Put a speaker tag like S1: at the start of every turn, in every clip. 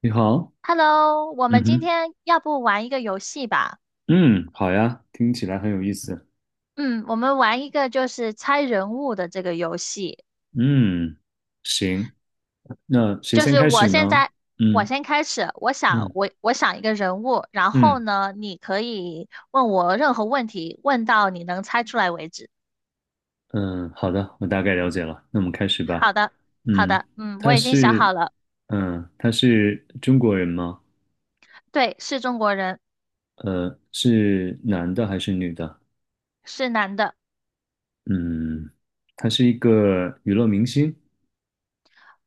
S1: 你好，
S2: Hello，我
S1: 嗯
S2: 们今
S1: 哼，
S2: 天要不玩一个游戏吧？
S1: 嗯，好呀，听起来很有意思。
S2: 嗯，我们玩一个就是猜人物的这个游戏。
S1: 嗯，行，那谁
S2: 就
S1: 先
S2: 是
S1: 开
S2: 我
S1: 始
S2: 现
S1: 呢？
S2: 在，我
S1: 嗯
S2: 先开始，我想
S1: 嗯
S2: 我想一个人物，然后
S1: 嗯
S2: 呢，你可以问我任何问题，问到你能猜出来为止。
S1: 嗯，好的，我大概了解了，那我们开始吧。
S2: 好的，好
S1: 嗯，
S2: 的，嗯，我
S1: 他
S2: 已经想
S1: 是，
S2: 好了，
S1: 他是中国人吗？
S2: 对，是中国人，
S1: 是男的还是女的？
S2: 是男的，
S1: 嗯，他是一个娱乐明星。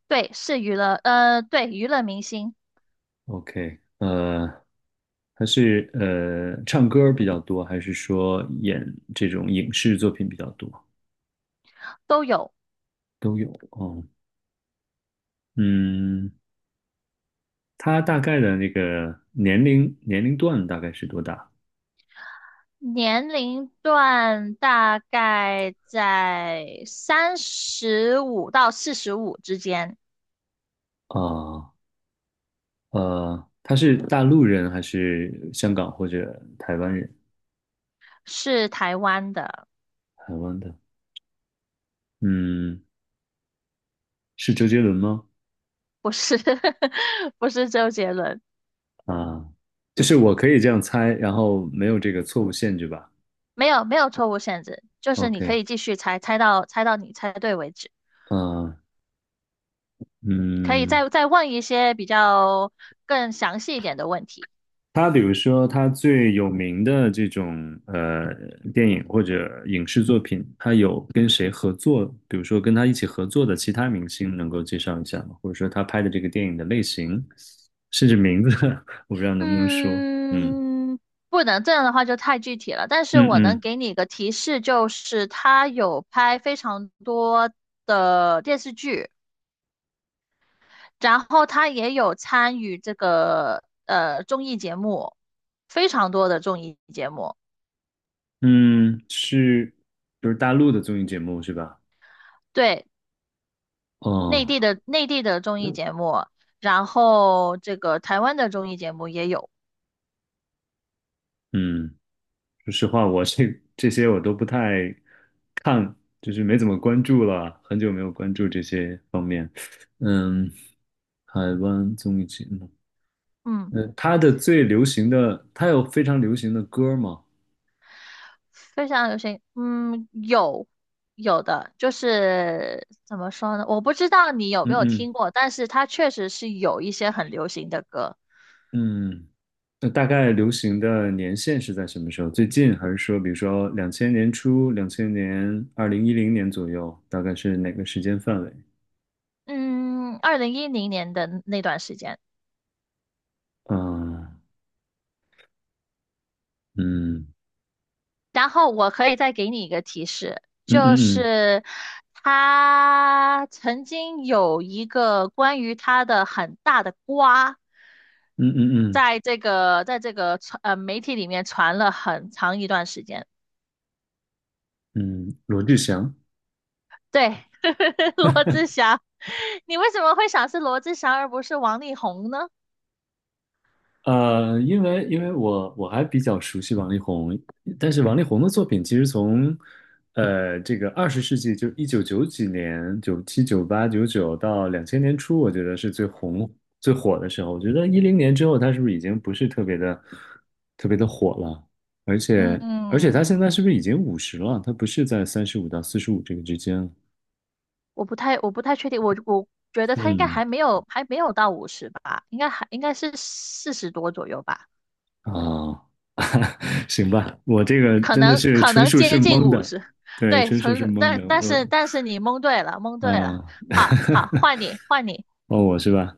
S2: 对，是娱乐，对，娱乐明星
S1: OK，他是唱歌比较多，还是说演这种影视作品比较多？
S2: 都有。
S1: 都有哦。嗯，他大概的那个年龄段大概是多大
S2: 年龄段大概在35到45之间，
S1: 啊？他是大陆人还是香港或者台湾人？
S2: 是台湾的，
S1: 台湾的，嗯，是周杰伦吗？
S2: 不是 不是周杰伦，
S1: 啊，就是我可以这样猜，然后没有这个错误限制吧
S2: 没有没有错误限制，就是你可
S1: ？OK，
S2: 以继续猜，猜到你猜对为止，
S1: 嗯、呃
S2: 可以
S1: 嗯。
S2: 再问一些比较更详细一点的问题。
S1: 他比如说，他最有名的这种电影或者影视作品，他有跟谁合作？比如说跟他一起合作的其他明星，能够介绍一下吗？或者说他拍的这个电影的类型，甚至名字，我不知道能不能说。嗯
S2: 嗯，不能这样的话就太具体了，但是
S1: 嗯
S2: 我能
S1: 嗯
S2: 给你一个提示，就是他有拍非常多的电视剧，然后他也有参与这个综艺节目，非常多的综艺节目，
S1: 嗯，就是大陆的综艺节目是吧？
S2: 对，内
S1: 哦，
S2: 地的内地的综艺节目，然后这个台湾的综艺节目也有，
S1: 嗯说实话，我这些我都不太看，就是没怎么关注了，很久没有关注这些方面。嗯，海湾综艺节目，
S2: 嗯。
S1: 他的最流行的，他有非常流行的歌吗？
S2: 非常流行，嗯，有有的，就是怎么说呢？我不知道你有没
S1: 嗯
S2: 有
S1: 嗯
S2: 听过，但是它确实是有一些很流行的歌。
S1: 嗯，那大概流行的年限是在什么时候？最近还是说，比如说两千年初、两千年、2010年左右，大概是哪个时间范围？
S2: 嗯，2010年的那段时间，
S1: 啊，嗯
S2: 然后我可以再给你一个提示，
S1: 嗯
S2: 就
S1: 嗯嗯
S2: 是他曾经有一个关于他的很大的瓜，
S1: 嗯嗯嗯
S2: 在这个传媒体里面传了很长一段时间。
S1: 嗯，罗志祥。
S2: 对，罗志祥，你为什么会想是罗志祥而不是王力宏呢？
S1: 因为我还比较熟悉王力宏，但是王力宏的作品其实从这个20世纪就一九九几年、97、九八、九九到两千年初，我觉得是最红最火的时候。我觉得一零年之后，他是不是已经不是特别的火了？而且
S2: 嗯，
S1: 他现在是不是已经50了？他不是在35到45这个之间了？
S2: 我不太确定，我觉得他应该
S1: 嗯
S2: 还没有，还没有到五十吧，应该是40多左右吧，
S1: 啊，行吧，我这个
S2: 可
S1: 真的
S2: 能
S1: 是
S2: 可
S1: 纯
S2: 能
S1: 属是
S2: 接近
S1: 蒙
S2: 五
S1: 的，
S2: 十。
S1: 对，
S2: 对，
S1: 纯属是
S2: 纯，
S1: 蒙的，我。
S2: 但是你蒙对了，蒙对了。
S1: 嗯，
S2: 好好，换你，
S1: 哦，我是吧？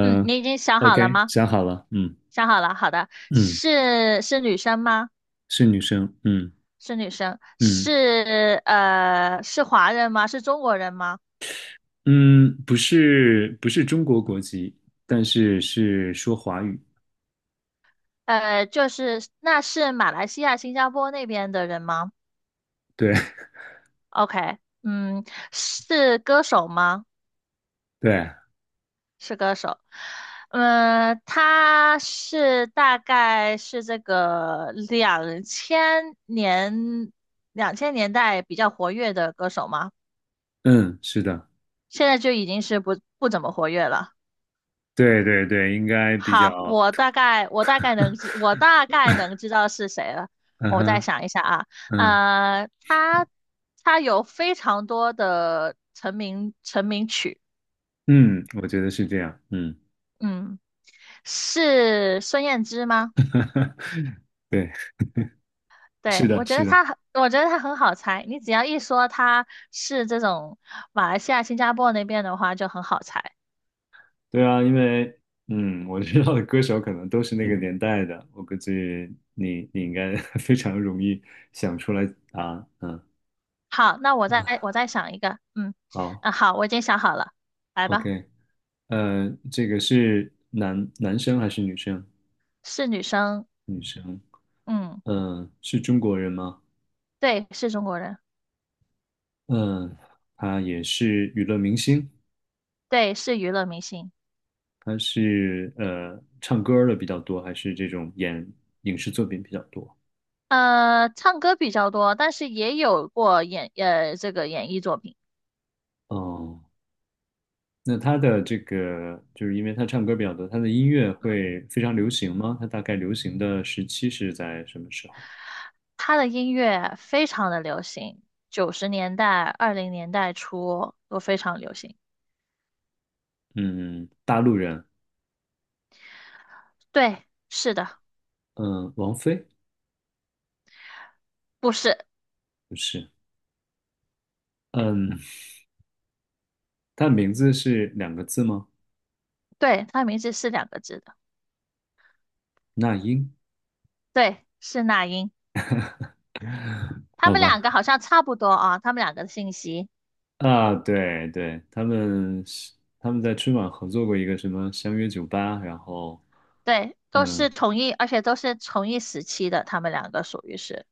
S2: 嗯，你已经想好了
S1: ，OK，
S2: 吗？
S1: 想好了，嗯
S2: 想好了，好的，
S1: 嗯，
S2: 是是女生吗？
S1: 是女生，嗯
S2: 是女生，
S1: 嗯
S2: 是是华人吗？是中国人吗？
S1: 嗯，不是不是中国国籍，但是是说华语，
S2: 呃，就是那是马来西亚、新加坡那边的人吗
S1: 对
S2: ？OK，嗯，是歌手吗？
S1: 对，
S2: 是歌手。嗯，他大概是这个2000年代比较活跃的歌手吗？
S1: 嗯，是的，
S2: 现在就已经是不怎么活跃了。
S1: 对对对，应该比较，
S2: 好，我大概能知道是谁了。
S1: 嗯
S2: 我再
S1: 哼，
S2: 想一下啊，
S1: 嗯
S2: 呃，他他有非常多的成名曲，
S1: 嗯，我觉得是这样，嗯，
S2: 嗯，是孙燕姿吗？
S1: 对，是
S2: 对，
S1: 的，是的。
S2: 我觉得他很好猜。你只要一说他是这种马来西亚、新加坡那边的话，就很好猜。
S1: 对啊，因为我知道的歌手可能都是那个年代的，我估计你应该 非常容易想出来啊，嗯，
S2: 好，那我再想一个，嗯，
S1: 好
S2: 啊，好，我已经想好了，来吧，
S1: ，OK，这个是男生还是女生？
S2: 是女生，
S1: 女生，
S2: 嗯，
S1: 嗯、是中国人吗？
S2: 对，是中国人。
S1: 嗯、他也是娱乐明星，
S2: 对，是娱乐明星，
S1: 他是唱歌儿的比较多，还是这种演影视作品比较多？
S2: 呃，唱歌比较多，但是也有过演，呃，这个演艺作品。
S1: 哦、那他的这个，就是因为他唱歌比较多，他的音乐会非常流行吗？他大概流行的时期是在什么时候？
S2: 他的音乐非常的流行，90年代、20年代初都非常流行。
S1: 嗯，大陆人，
S2: 对，是的，
S1: 嗯，王菲
S2: 不是，
S1: 不是，嗯，他的名字是两个字吗？
S2: 对，他名字是两个字的，
S1: 那英，
S2: 对，是那英。他
S1: 好
S2: 们
S1: 吧，
S2: 两个好像差不多啊，他们两个的信息，
S1: 啊，对对，他们在春晚合作过一个什么相约1998，然后
S2: 对，都
S1: 嗯，
S2: 是同一，而且都是同一时期的，他们两个属于是，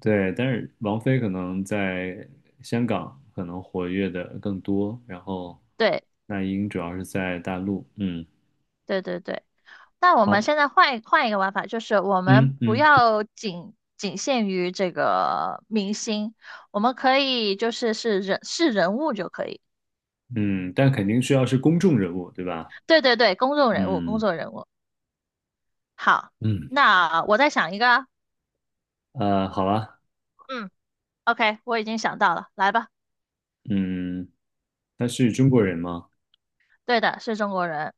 S1: 对，但是王菲可能在香港可能活跃的更多，然后
S2: 对，
S1: 那英主要是在大陆。嗯，
S2: 对对对。那我们
S1: 好，
S2: 现在换一个玩法，就是我们
S1: 嗯
S2: 不
S1: 嗯
S2: 要仅仅限于这个明星，我们可以就是是人物就可以。
S1: 嗯，但肯定需要是公众人物，对吧？
S2: 对对对，公众人物，公
S1: 嗯
S2: 众人物。好，
S1: 嗯，
S2: 那我再想一个啊。
S1: 好吧，
S2: 嗯，OK，我已经想到了，来吧。
S1: 嗯，他是中国人吗？
S2: 对的，是中国人。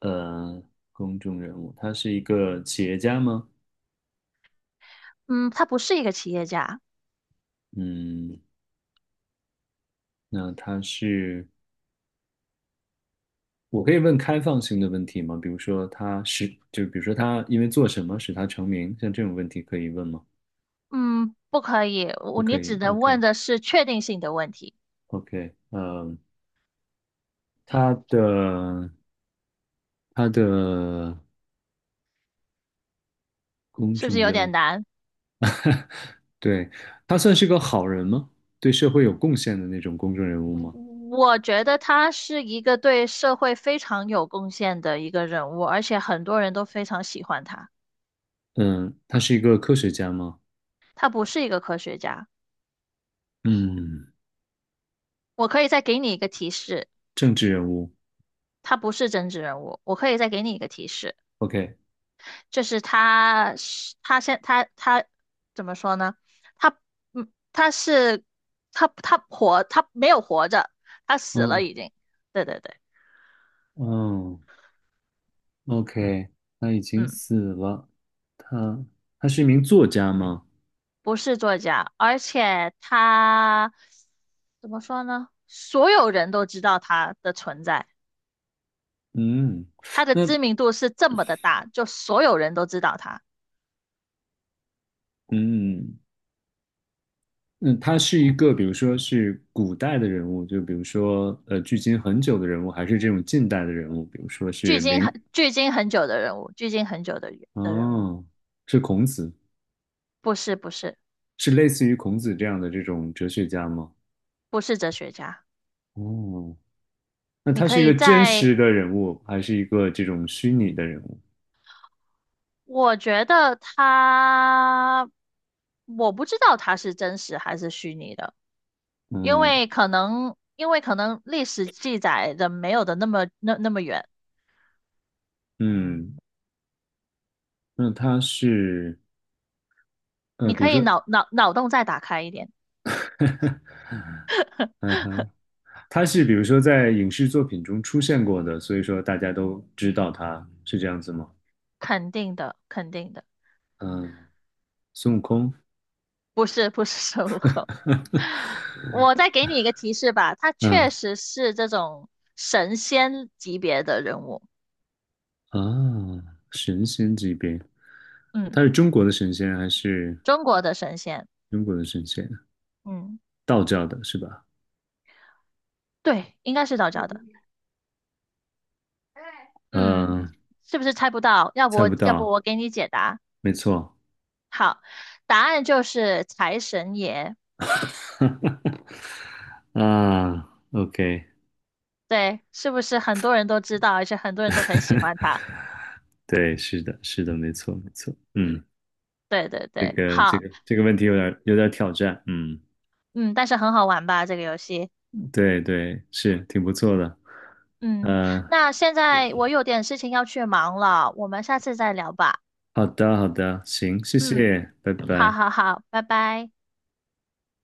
S1: 呃，公众人物，他是一个企业家吗？
S2: 嗯，他不是一个企业家。
S1: 嗯，那他是。我可以问开放性的问题吗？比如说就比如说他因为做什么使他成名，像这种问题可以问吗？
S2: 嗯，不可以，
S1: 不可
S2: 你只
S1: 以。
S2: 能问的是确定性的问题，
S1: OK，OK，嗯，他的他的公
S2: 是不是
S1: 众
S2: 有
S1: 人
S2: 点
S1: 物，
S2: 难？
S1: 对，他算是个好人吗？对社会有贡献的那种公众人物吗？
S2: 我觉得他是一个对社会非常有贡献的一个人物，而且很多人都非常喜欢他。
S1: 嗯，他是一个科学家吗？
S2: 他不是一个科学家，
S1: 嗯，
S2: 我可以再给你一个提示，
S1: 政治人物。
S2: 他不是政治人物。我可以再给你一个提示，
S1: OK，
S2: 就是他是他现他他怎么说呢？他他是他他活他没有活着，他死了
S1: 嗯
S2: 已经。对对对，
S1: 嗯，OK，他已经
S2: 嗯。
S1: 死了。他他是一名作家吗？
S2: 不是作家，而且他怎么说呢？所有人都知道他的存在，
S1: 嗯，
S2: 他的
S1: 那
S2: 知名度是这么的大，就所有人都知道他，
S1: 嗯，那他是一个，比如说是古代的人物，就比如说距今很久的人物，还是这种近代的人物，比如说是明，
S2: 距今很久的人物，距今很久的人的人物，
S1: 哦，是孔子，
S2: 不是不是
S1: 是类似于孔子这样的这种哲学家吗？
S2: 不是哲学家，
S1: 哦，那
S2: 你
S1: 他
S2: 可
S1: 是一
S2: 以
S1: 个真
S2: 在，
S1: 实的人物，还是一个这种虚拟的人物？
S2: 我觉得他，我不知道他是真实还是虚拟的。因
S1: 嗯
S2: 为可能，因为可能历史记载的没有的那么那么远，
S1: 嗯，那他是
S2: 你
S1: 比
S2: 可
S1: 如
S2: 以
S1: 说，
S2: 脑洞再打开一点，
S1: 嗯哼。他是比如说在影视作品中出现过的，所以说大家都知道他是这样子吗？
S2: 肯定的，肯定的，
S1: 嗯，孙悟空，
S2: 不是不是孙悟空。我再给你一个提示吧，他
S1: 嗯
S2: 确实是这种神仙级别的人物，
S1: 啊，神仙级别，
S2: 嗯，
S1: 他是中国的神仙还是
S2: 中国的神仙，
S1: 中国的神仙？
S2: 嗯，
S1: 道教的是吧？
S2: 对，应该是道教的，嗯，是不是猜不到？要不我给你解答，
S1: 没错
S2: 好，答案就是财神爷，
S1: 啊，OK，
S2: 对，是不是很多人都知道，而且很多人都很喜欢他？
S1: 对，是的，是的，没错，没错，嗯，
S2: 对对
S1: 这
S2: 对，
S1: 个这
S2: 好，
S1: 个这个问题有点挑战，嗯，
S2: 嗯，但是很好玩吧，这个游戏。
S1: 对对，是挺不错的，
S2: 嗯，
S1: 呃，
S2: 那现在我有点事情要去忙了，我们下次再聊吧。
S1: 好的好的，行，谢
S2: 嗯，
S1: 谢，拜
S2: 好
S1: 拜。
S2: 好好，拜拜。